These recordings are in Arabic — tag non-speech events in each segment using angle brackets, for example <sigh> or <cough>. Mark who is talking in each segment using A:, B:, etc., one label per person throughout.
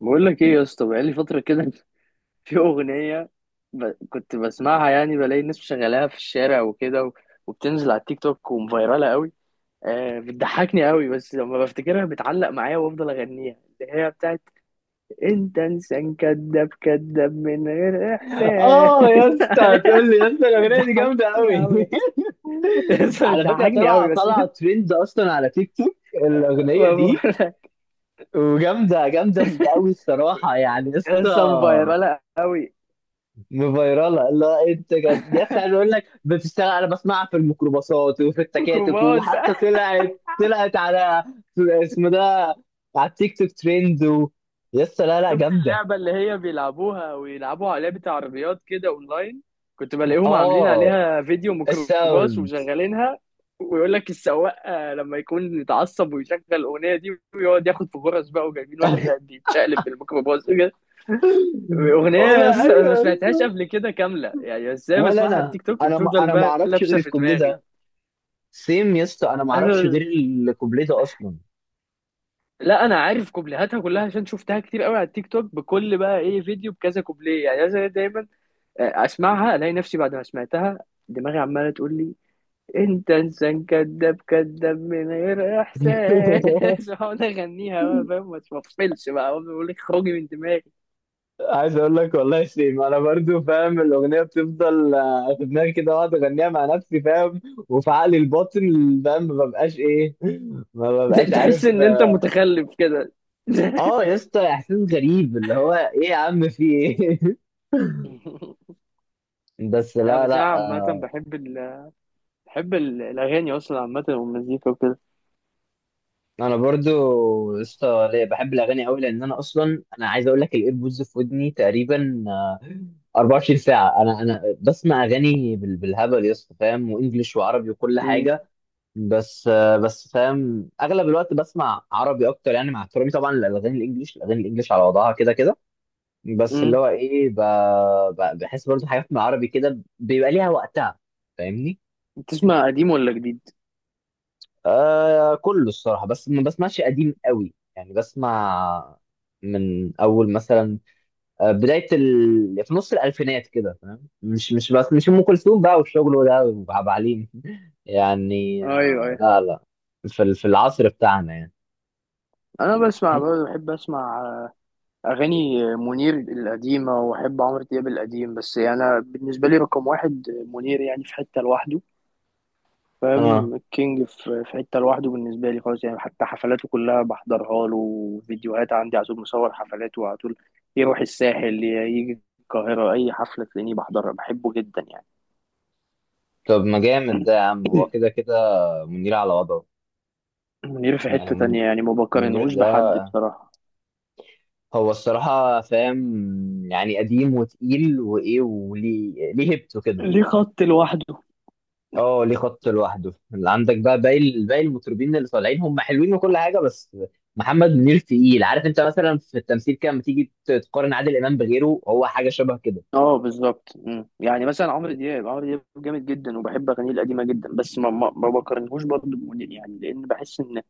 A: بقول لك ايه يا اسطى؟ بقالي فتره كده. <laughs> في اغنيه كنت بسمعها، يعني بلاقي الناس شغالاها في الشارع وكده، وبتنزل على التيك توك ومفيراله قوي. آه بتضحكني قوي، بس لما بفتكرها بتعلق معايا وافضل اغنيها، اللي هي بتاعت: انت انسان كذاب كذاب من غير احساس.
B: اه يا اسطى، هتقول لي يا اسطى
A: <laughs>
B: الاغنيه دي جامده
A: بتضحكني
B: قوي.
A: قوي يا اسطى.
B: <laughs>
A: <laughs>
B: على فكره،
A: بتضحكني
B: طلع
A: قوي بس. <laughs>
B: طلع ترند اصلا على تيك توك الاغنيه
A: بقول
B: دي.
A: لك
B: وجامده جامده قوي الصراحه، يعني يا
A: يا
B: اسطى
A: اسطى مفيراله قوي.
B: مفيراله. لا انت جد يا اسطى، عايز اقول لك بتشتغل، انا بسمعها في الميكروباصات وفي التكاتك،
A: كوماس.
B: وحتى طلعت على اسمه ده، على التيك توك ترند و... يا اسطى لا لا،
A: شفت
B: جامده.
A: اللعبة اللي هي بيلعبوها ويلعبوا عليها، بتاع عربيات كده اونلاين؟ كنت بلاقيهم عاملين
B: اه،
A: عليها فيديو ميكروباص
B: الساوند.
A: وشغالينها، ويقول لك السواق لما يكون متعصب ويشغل الأغنية دي ويقعد ياخد في غرز بقى، وجايبين واحد بقى
B: <laughs>
A: بيتشقلب بالميكروباص كده.
B: <laughs> والله
A: أغنية، بس أنا ما
B: ايوه يا
A: سمعتهاش
B: اسطى.
A: قبل كده كاملة، يعني ازاي
B: ولا
A: بسمعها على
B: انا
A: التيك توك
B: انا ما
A: وبتفضل
B: انا ما
A: بقى
B: اعرفش غير
A: لابسة في
B: الكوبليه
A: دماغي.
B: ده. سيم يا اسطى، انا ما اعرفش غير
A: أنا-
B: الكوبليه ده اصلا.
A: لا انا عارف كوبليهاتها كلها، عشان شفتها كتير قوي على التيك توك، بكل بقى ايه فيديو بكذا كوبليه. يعني مثلا دايما اسمعها الاقي نفسي بعد ما سمعتها دماغي عماله تقول لي: انت انسان كذاب كذاب من غير احساس.
B: <laughs>
A: <laughs> واقعد اغنيها بقى، فاهم، ما تفصلش بقى، أقعد اقول لك خرجي من دماغي.
B: عايز اقول لك والله سيم، انا برضو فاهم الاغنيه بتفضل في دماغي كده، واقعد اغنيها مع نفسي، فاهم؟ وفي عقلي الباطن فاهم ما ببقاش
A: <laughs> تحس
B: عارف،
A: ان انت
B: اه.
A: متخلف كده.
B: آه
A: <laughs>
B: يا اسطى، احساس غريب، اللي هو ايه يا عم، في ايه؟ <laughs> بس
A: لا،
B: لا
A: بس انا
B: لا،
A: عامة
B: آه،
A: بحب الاغاني اصلا عامة، والمزيكا وكده.
B: انا برضو لسه بحب الاغاني قوي، لان انا اصلا عايز اقول لك الايربودز في ودني تقريبا 24 ساعه. انا بسمع اغاني بالهبل يا اسطى، فاهم؟ وانجليش وعربي وكل
A: أمم.
B: حاجه. بس فاهم اغلب الوقت بسمع عربي اكتر، يعني مع احترامي طبعا للاغاني الانجليش، الاغاني الانجليش على وضعها كده كده. بس اللي
A: أمم.
B: هو ايه، بحس برضو حاجات من العربي كده بيبقى ليها وقتها، فاهمني؟
A: بتسمع قديم ولا جديد؟
B: آه كله الصراحة، بس ما بسمعش قديم قوي، يعني بسمع من أول مثلا بداية في نص الألفينات كده، فاهم؟ مش مش بس مش أم كلثوم بقى والشغل ده وعبد الحليم. <laughs> يعني
A: ايوه
B: آه،
A: ايوه،
B: لا لا. في في العصر بتاعنا يعني.
A: انا بسمع برضه، بحب اسمع أغاني منير القديمة، وأحب عمرو دياب القديم، بس يعني أنا بالنسبة لي رقم واحد منير، يعني في حتة لوحده.
B: اه،
A: فاهم، الكينج في حتة لوحده بالنسبة لي خالص، يعني حتى حفلاته كلها بحضرها له، فيديوهات عندي على طول، مصور حفلاته على طول، يروح الساحل يجي القاهرة، أي حفلة تلاقيني بحضرها، بحبه جدا يعني.
B: طب ما جامد ده يا عم، هو كده
A: <clears throat>
B: كده، منير على وضعه.
A: منير في
B: يعني
A: حتة تانية يعني، ما
B: منير
A: بقارنهوش
B: ده،
A: بحد بصراحة،
B: هو الصراحة فاهم يعني قديم وتقيل وإيه، وليه هيبته كده.
A: ليه خط لوحده.
B: اه، ليه خط لوحده. اللي عندك بقى، باقي المطربين اللي طالعين هم حلوين وكل حاجه، بس محمد منير تقيل. عارف انت مثلا في التمثيل كده، لما تيجي تقارن عادل امام بغيره، هو حاجه شبه كده.
A: اه بالظبط. مم. يعني مثلا عمرو دياب، عمرو دياب جامد جدا، وبحب اغانيه القديمه جدا، بس ما بقارنهوش برضه بمنير، يعني لان بحس ان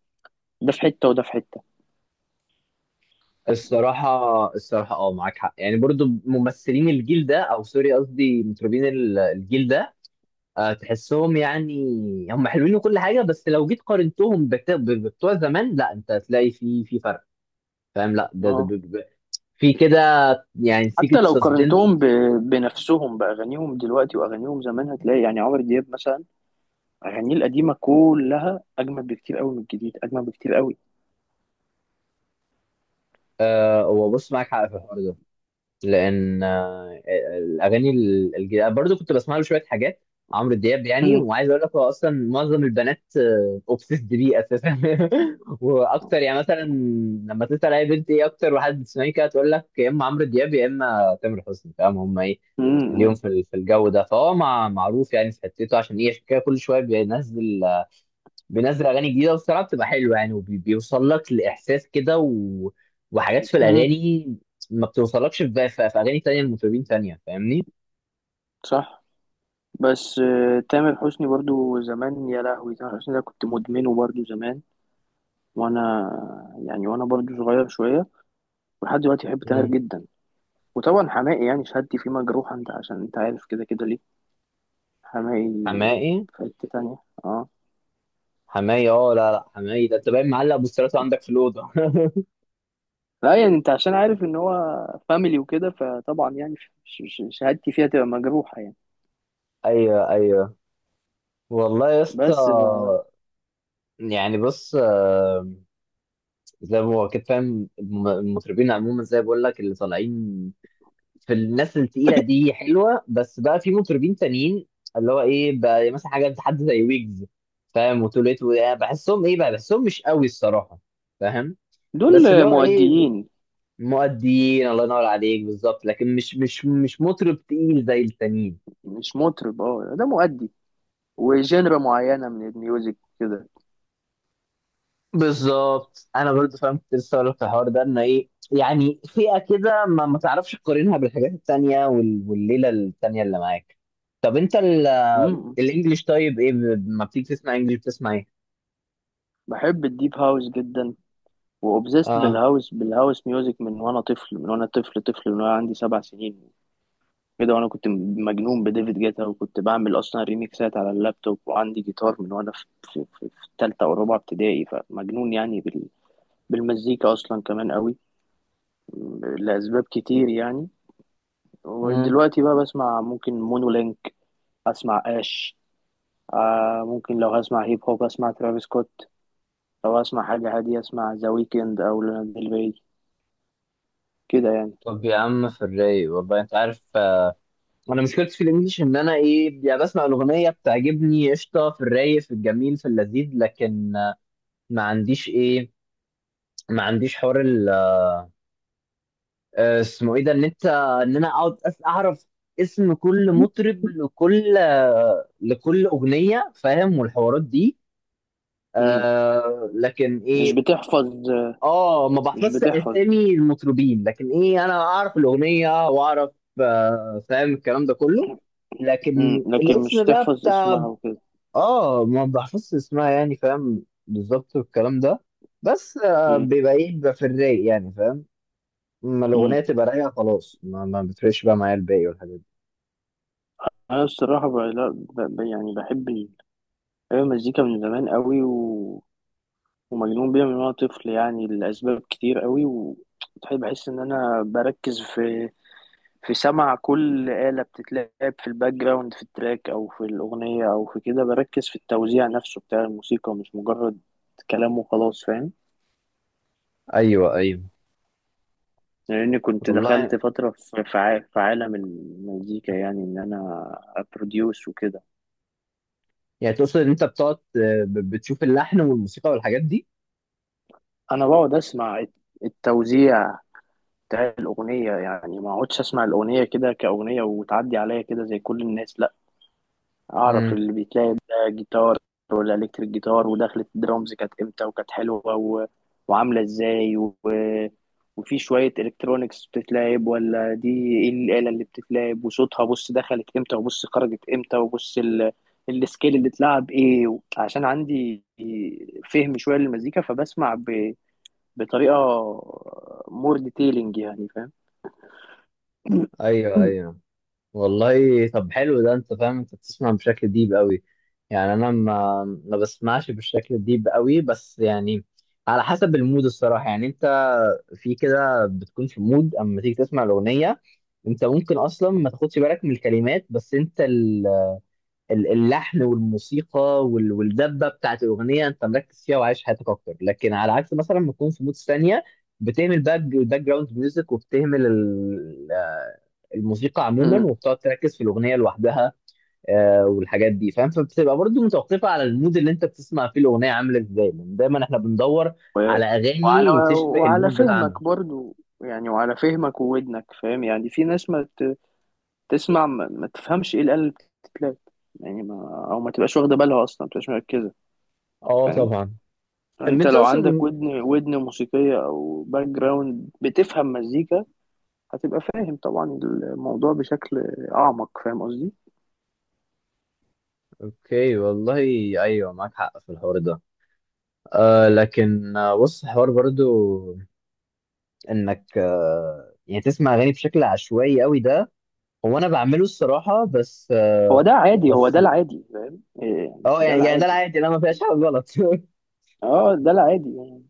A: ده في حته وده في حته.
B: الصراحه اه، معاك حق. يعني برضو ممثلين الجيل ده، او سوري قصدي مطربين الجيل ده، تحسهم يعني هم حلوين وكل حاجه، بس لو جيت قارنتهم بتوع زمان، لا انت هتلاقي في فرق، فاهم؟ لا
A: اه،
B: في كده، يعني
A: حتى
B: سيكت
A: لو
B: سسبنس.
A: قارنتهم بنفسهم، باغانيهم دلوقتي واغانيهم زمان، هتلاقي يعني عمرو دياب مثلا اغانيه القديمه كلها اجمل بكتير قوي من الجديد، اجمل بكتير قوي.
B: هو بص، معاك حق في الحوار ده، لان الاغاني الجديده، أنا برضو كنت بسمع له شويه حاجات، عمرو دياب يعني.
A: مم.
B: وعايز اقول لك هو اصلا معظم البنات اوبسيسد بيه اساسا. <laughs> واكتر يعني مثلا، لما تسال اي بنت ايه اكتر واحد بتسمعيه، كده تقول لك يا اما عمرو دياب يا اما تامر حسني، فاهم هم ايه
A: مم.
B: اليوم في في الجو ده. فهو معروف يعني في حتته. عشان ايه؟ عشان كده كل شويه بينزل اغاني جديده، والصراحه بتبقى حلوه يعني، وبيوصل لك لاحساس كده و... وحاجات في
A: مم.
B: الاغاني ما بتوصلكش في اغاني تانية لمطربين تانية، فاهمني؟
A: صح. بس تامر حسني برضو زمان، يا لهوي، تامر حسني ده كنت مدمنه برضو زمان، وانا يعني وانا برضو صغير شويه، ولحد دلوقتي بحب تاهر
B: مم.
A: جدا. وطبعا حماقي، يعني شهادتي فيه مجروحة، انت عشان انت عارف كده كده ليه. حماقي
B: حماقي.
A: في حتة تانية. اه،
B: حماقي اه، لا لا، حماقي ده انت باين معلق بوسترات عندك في الاوضه.
A: لا يعني، انت عشان عارف ان هو فاميلي وكده، فطبعا يعني شهادتي فيها تبقى مجروحة يعني.
B: <laughs> ايوه ايوه، والله يا اسطى.
A: بس ف-
B: يعني بص، زي ما هو كده، فاهم؟ المطربين عموما زي بقول لك اللي طالعين، في الناس التقيله دي حلوه، بس بقى في مطربين تانيين اللي هو ايه بقى، مثلا حاجه حد زي ويجز، فاهم؟ وتوليت. بحسهم ايه بقى؟ بحسهم مش قوي الصراحه، فاهم؟ بس
A: دول
B: اللي هو ايه،
A: مؤديين،
B: مؤديين. الله ينور عليك، بالظبط، لكن مش مطرب تقيل زي التانيين.
A: مش مطرب. اه ده مؤدي، وجنرا معينة من الميوزك كده.
B: بالظبط، انا برضو فاهم، كنت لسه هقول لك في الحوار ده، ان ايه يعني، فئه كده ما تعرفش تقارنها بالحاجات التانيه والليله التانيه اللي معاك. طب انت
A: امم
B: الانجليش طيب، ايه ما بتيجي تسمع انجليش بتسمع ايه؟
A: بحب الديب هاوس جدا، وأوبزيست
B: اه.
A: بالهاوس ميوزك من وانا طفل من وانا عندي 7 سنين كده، وانا كنت مجنون بديفيد جيتا، وكنت بعمل اصلا ريميكسات على اللابتوب، وعندي جيتار من وانا في تالتة او رابعة ابتدائي. فمجنون يعني بالمزيكا اصلا كمان قوي لاسباب كتير يعني.
B: مم.
A: ودلوقتي بقى بسمع ممكن مونولينك، اسمع اش آه ممكن، لو هسمع هيب هوب اسمع ترافيس سكوت، لو اسمع حاجة هادية اسمع ذا ويكند او لانا ديل ري، كده يعني.
B: طب يا عم، في الرايق، والله انت عارف، انا مشكلتي في الانجليش، ان انا ايه يعني، بسمع الاغنيه بتعجبني، قشطه في الرايق في الجميل في اللذيذ، لكن ما عنديش ايه، ما عنديش حوار اسمه ايه ده، ان انت، ان انا اقعد اعرف اسم كل مطرب، لكل لكل اغنيه، فاهم؟ والحوارات دي.
A: مم.
B: آه لكن
A: مش
B: ايه،
A: بتحفظ.
B: اه ما
A: مش
B: بحفظش
A: بتحفظ.
B: اسامي المطربين، لكن ايه، انا اعرف الاغنيه واعرف فاهم الكلام ده كله،
A: مم.
B: لكن
A: لكن مش
B: الاسم بقى
A: تحفظ
B: بتاع،
A: اسمها وكده.
B: اه ما بحفظش اسمها، يعني فاهم بالظبط الكلام ده، بس
A: مم.
B: بيبقى في الرايق، يعني فاهم؟ اما
A: مم.
B: الاغنيه تبقى رايقه، خلاص ما بتفرقش بقى معايا الباقي والحاجات دي.
A: انا الصراحه بقى لا، يعني بحب المزيكا من زمان قوي، ومجنون بيها من وانا طفل، يعني لاسباب كتير قوي. بحس ان انا بركز في سمع كل آلة بتتلعب في الباك جراوند، في التراك او في الاغنيه او في كده، بركز في التوزيع نفسه بتاع الموسيقى، مش مجرد كلام وخلاص، فاهم.
B: ايوه ايوه،
A: لاني كنت
B: والله.
A: دخلت فتره في عالم المزيكا، يعني ان انا ابروديوس وكده.
B: يعني تقصد ان انت بتقعد بتشوف اللحن والموسيقى والحاجات دي؟
A: انا بقعد اسمع التوزيع بتاع الأغنية، يعني ما أقعدش أسمع الأغنية كده كأغنية وتعدي عليا كده زي كل الناس. لأ، أعرف
B: امم
A: اللي بيتلعب ده جيتار ولا إلكتريك جيتار، ودخلة الدرامز كانت إمتى وكانت حلوة، وعاملة إزاي، وفي شوية إلكترونيكس بتتلعب ولا دي، إيه الآلة اللي بتتلعب وصوتها، بص دخلت إمتى وبص خرجت إمتى، وبص السكيل اللي اتلعب إيه، عشان عندي فهم شوية للمزيكا، فبسمع بطريقة مور ديتيلنج يعني، فاهم.
B: ايوه
A: مم.
B: ايوه، والله طب حلو ده، انت فاهم، انت بتسمع بشكل ديب قوي. يعني انا ما بسمعش بالشكل الديب قوي بس يعني على حسب المود الصراحة، يعني انت في كده بتكون في مود اما تيجي تسمع الأغنية، انت ممكن اصلا ما تاخدش بالك من الكلمات، بس انت اللحن والموسيقى والدبه بتاعت الاغنيه انت مركز فيها وعايش حياتك اكتر، لكن على عكس مثلا ما تكون في مود ثانيه، بتهمل الباك جراوند ميوزك، وبتهمل الموسيقى عموما، وبتقعد تركز في الاغنيه لوحدها، والحاجات دي، فاهم؟ فبتبقى برضو متوقفه على المود اللي انت بتسمع فيه الاغنيه، عامله ازاي، لان دايما احنا بندور
A: و-
B: على
A: وعلى
B: اغاني تشبه
A: وعلى
B: المود بتاعنا.
A: فهمك برضو، يعني وعلى فهمك وودنك، فاهم. يعني في ناس ما تسمع، ما تفهمش ايه الآلة اللي بتتلات، يعني ما او ما تبقاش واخده بالها اصلا، ما تبقاش مركزه،
B: اه
A: فاهم.
B: طبعا. ان
A: انت
B: انت
A: لو عندك
B: اصلا،
A: ودن، ودن موسيقيه او باك جراوند بتفهم مزيكا، هتبقى فاهم طبعا الموضوع بشكل اعمق، فاهم قصدي.
B: اوكي والله. ايوه معاك حق في الحوار ده، آه لكن بص، حوار برضو انك يعني تسمع اغاني بشكل عشوائي قوي، ده هو انا بعمله الصراحه، بس
A: هو ده عادي، هو ده
B: بس
A: العادي، فاهم إيه يعني،
B: اه
A: ده
B: يعني ده
A: العادي.
B: العادي، انا ما فيهاش حاجه غلط. <laughs>
A: اه ده العادي يعني.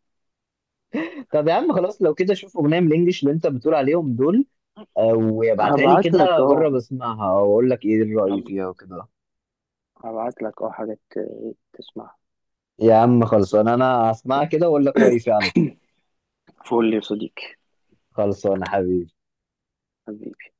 B: طب يا عم خلاص، لو كده شوف اغنيه من الانجليش اللي انت بتقول عليهم دول، آه وابعتها لي
A: هبعت لك
B: كده،
A: اه،
B: اجرب اسمعها واقول لك ايه الراي فيها وكده.
A: هبعت لك اه حاجات تسمعها.
B: يا عم خلصان، انا هسمعها كده واقول لك رايي فيها على طول.
A: فول يا صديقي.
B: خلصان يا حبيبي.
A: حبيبي.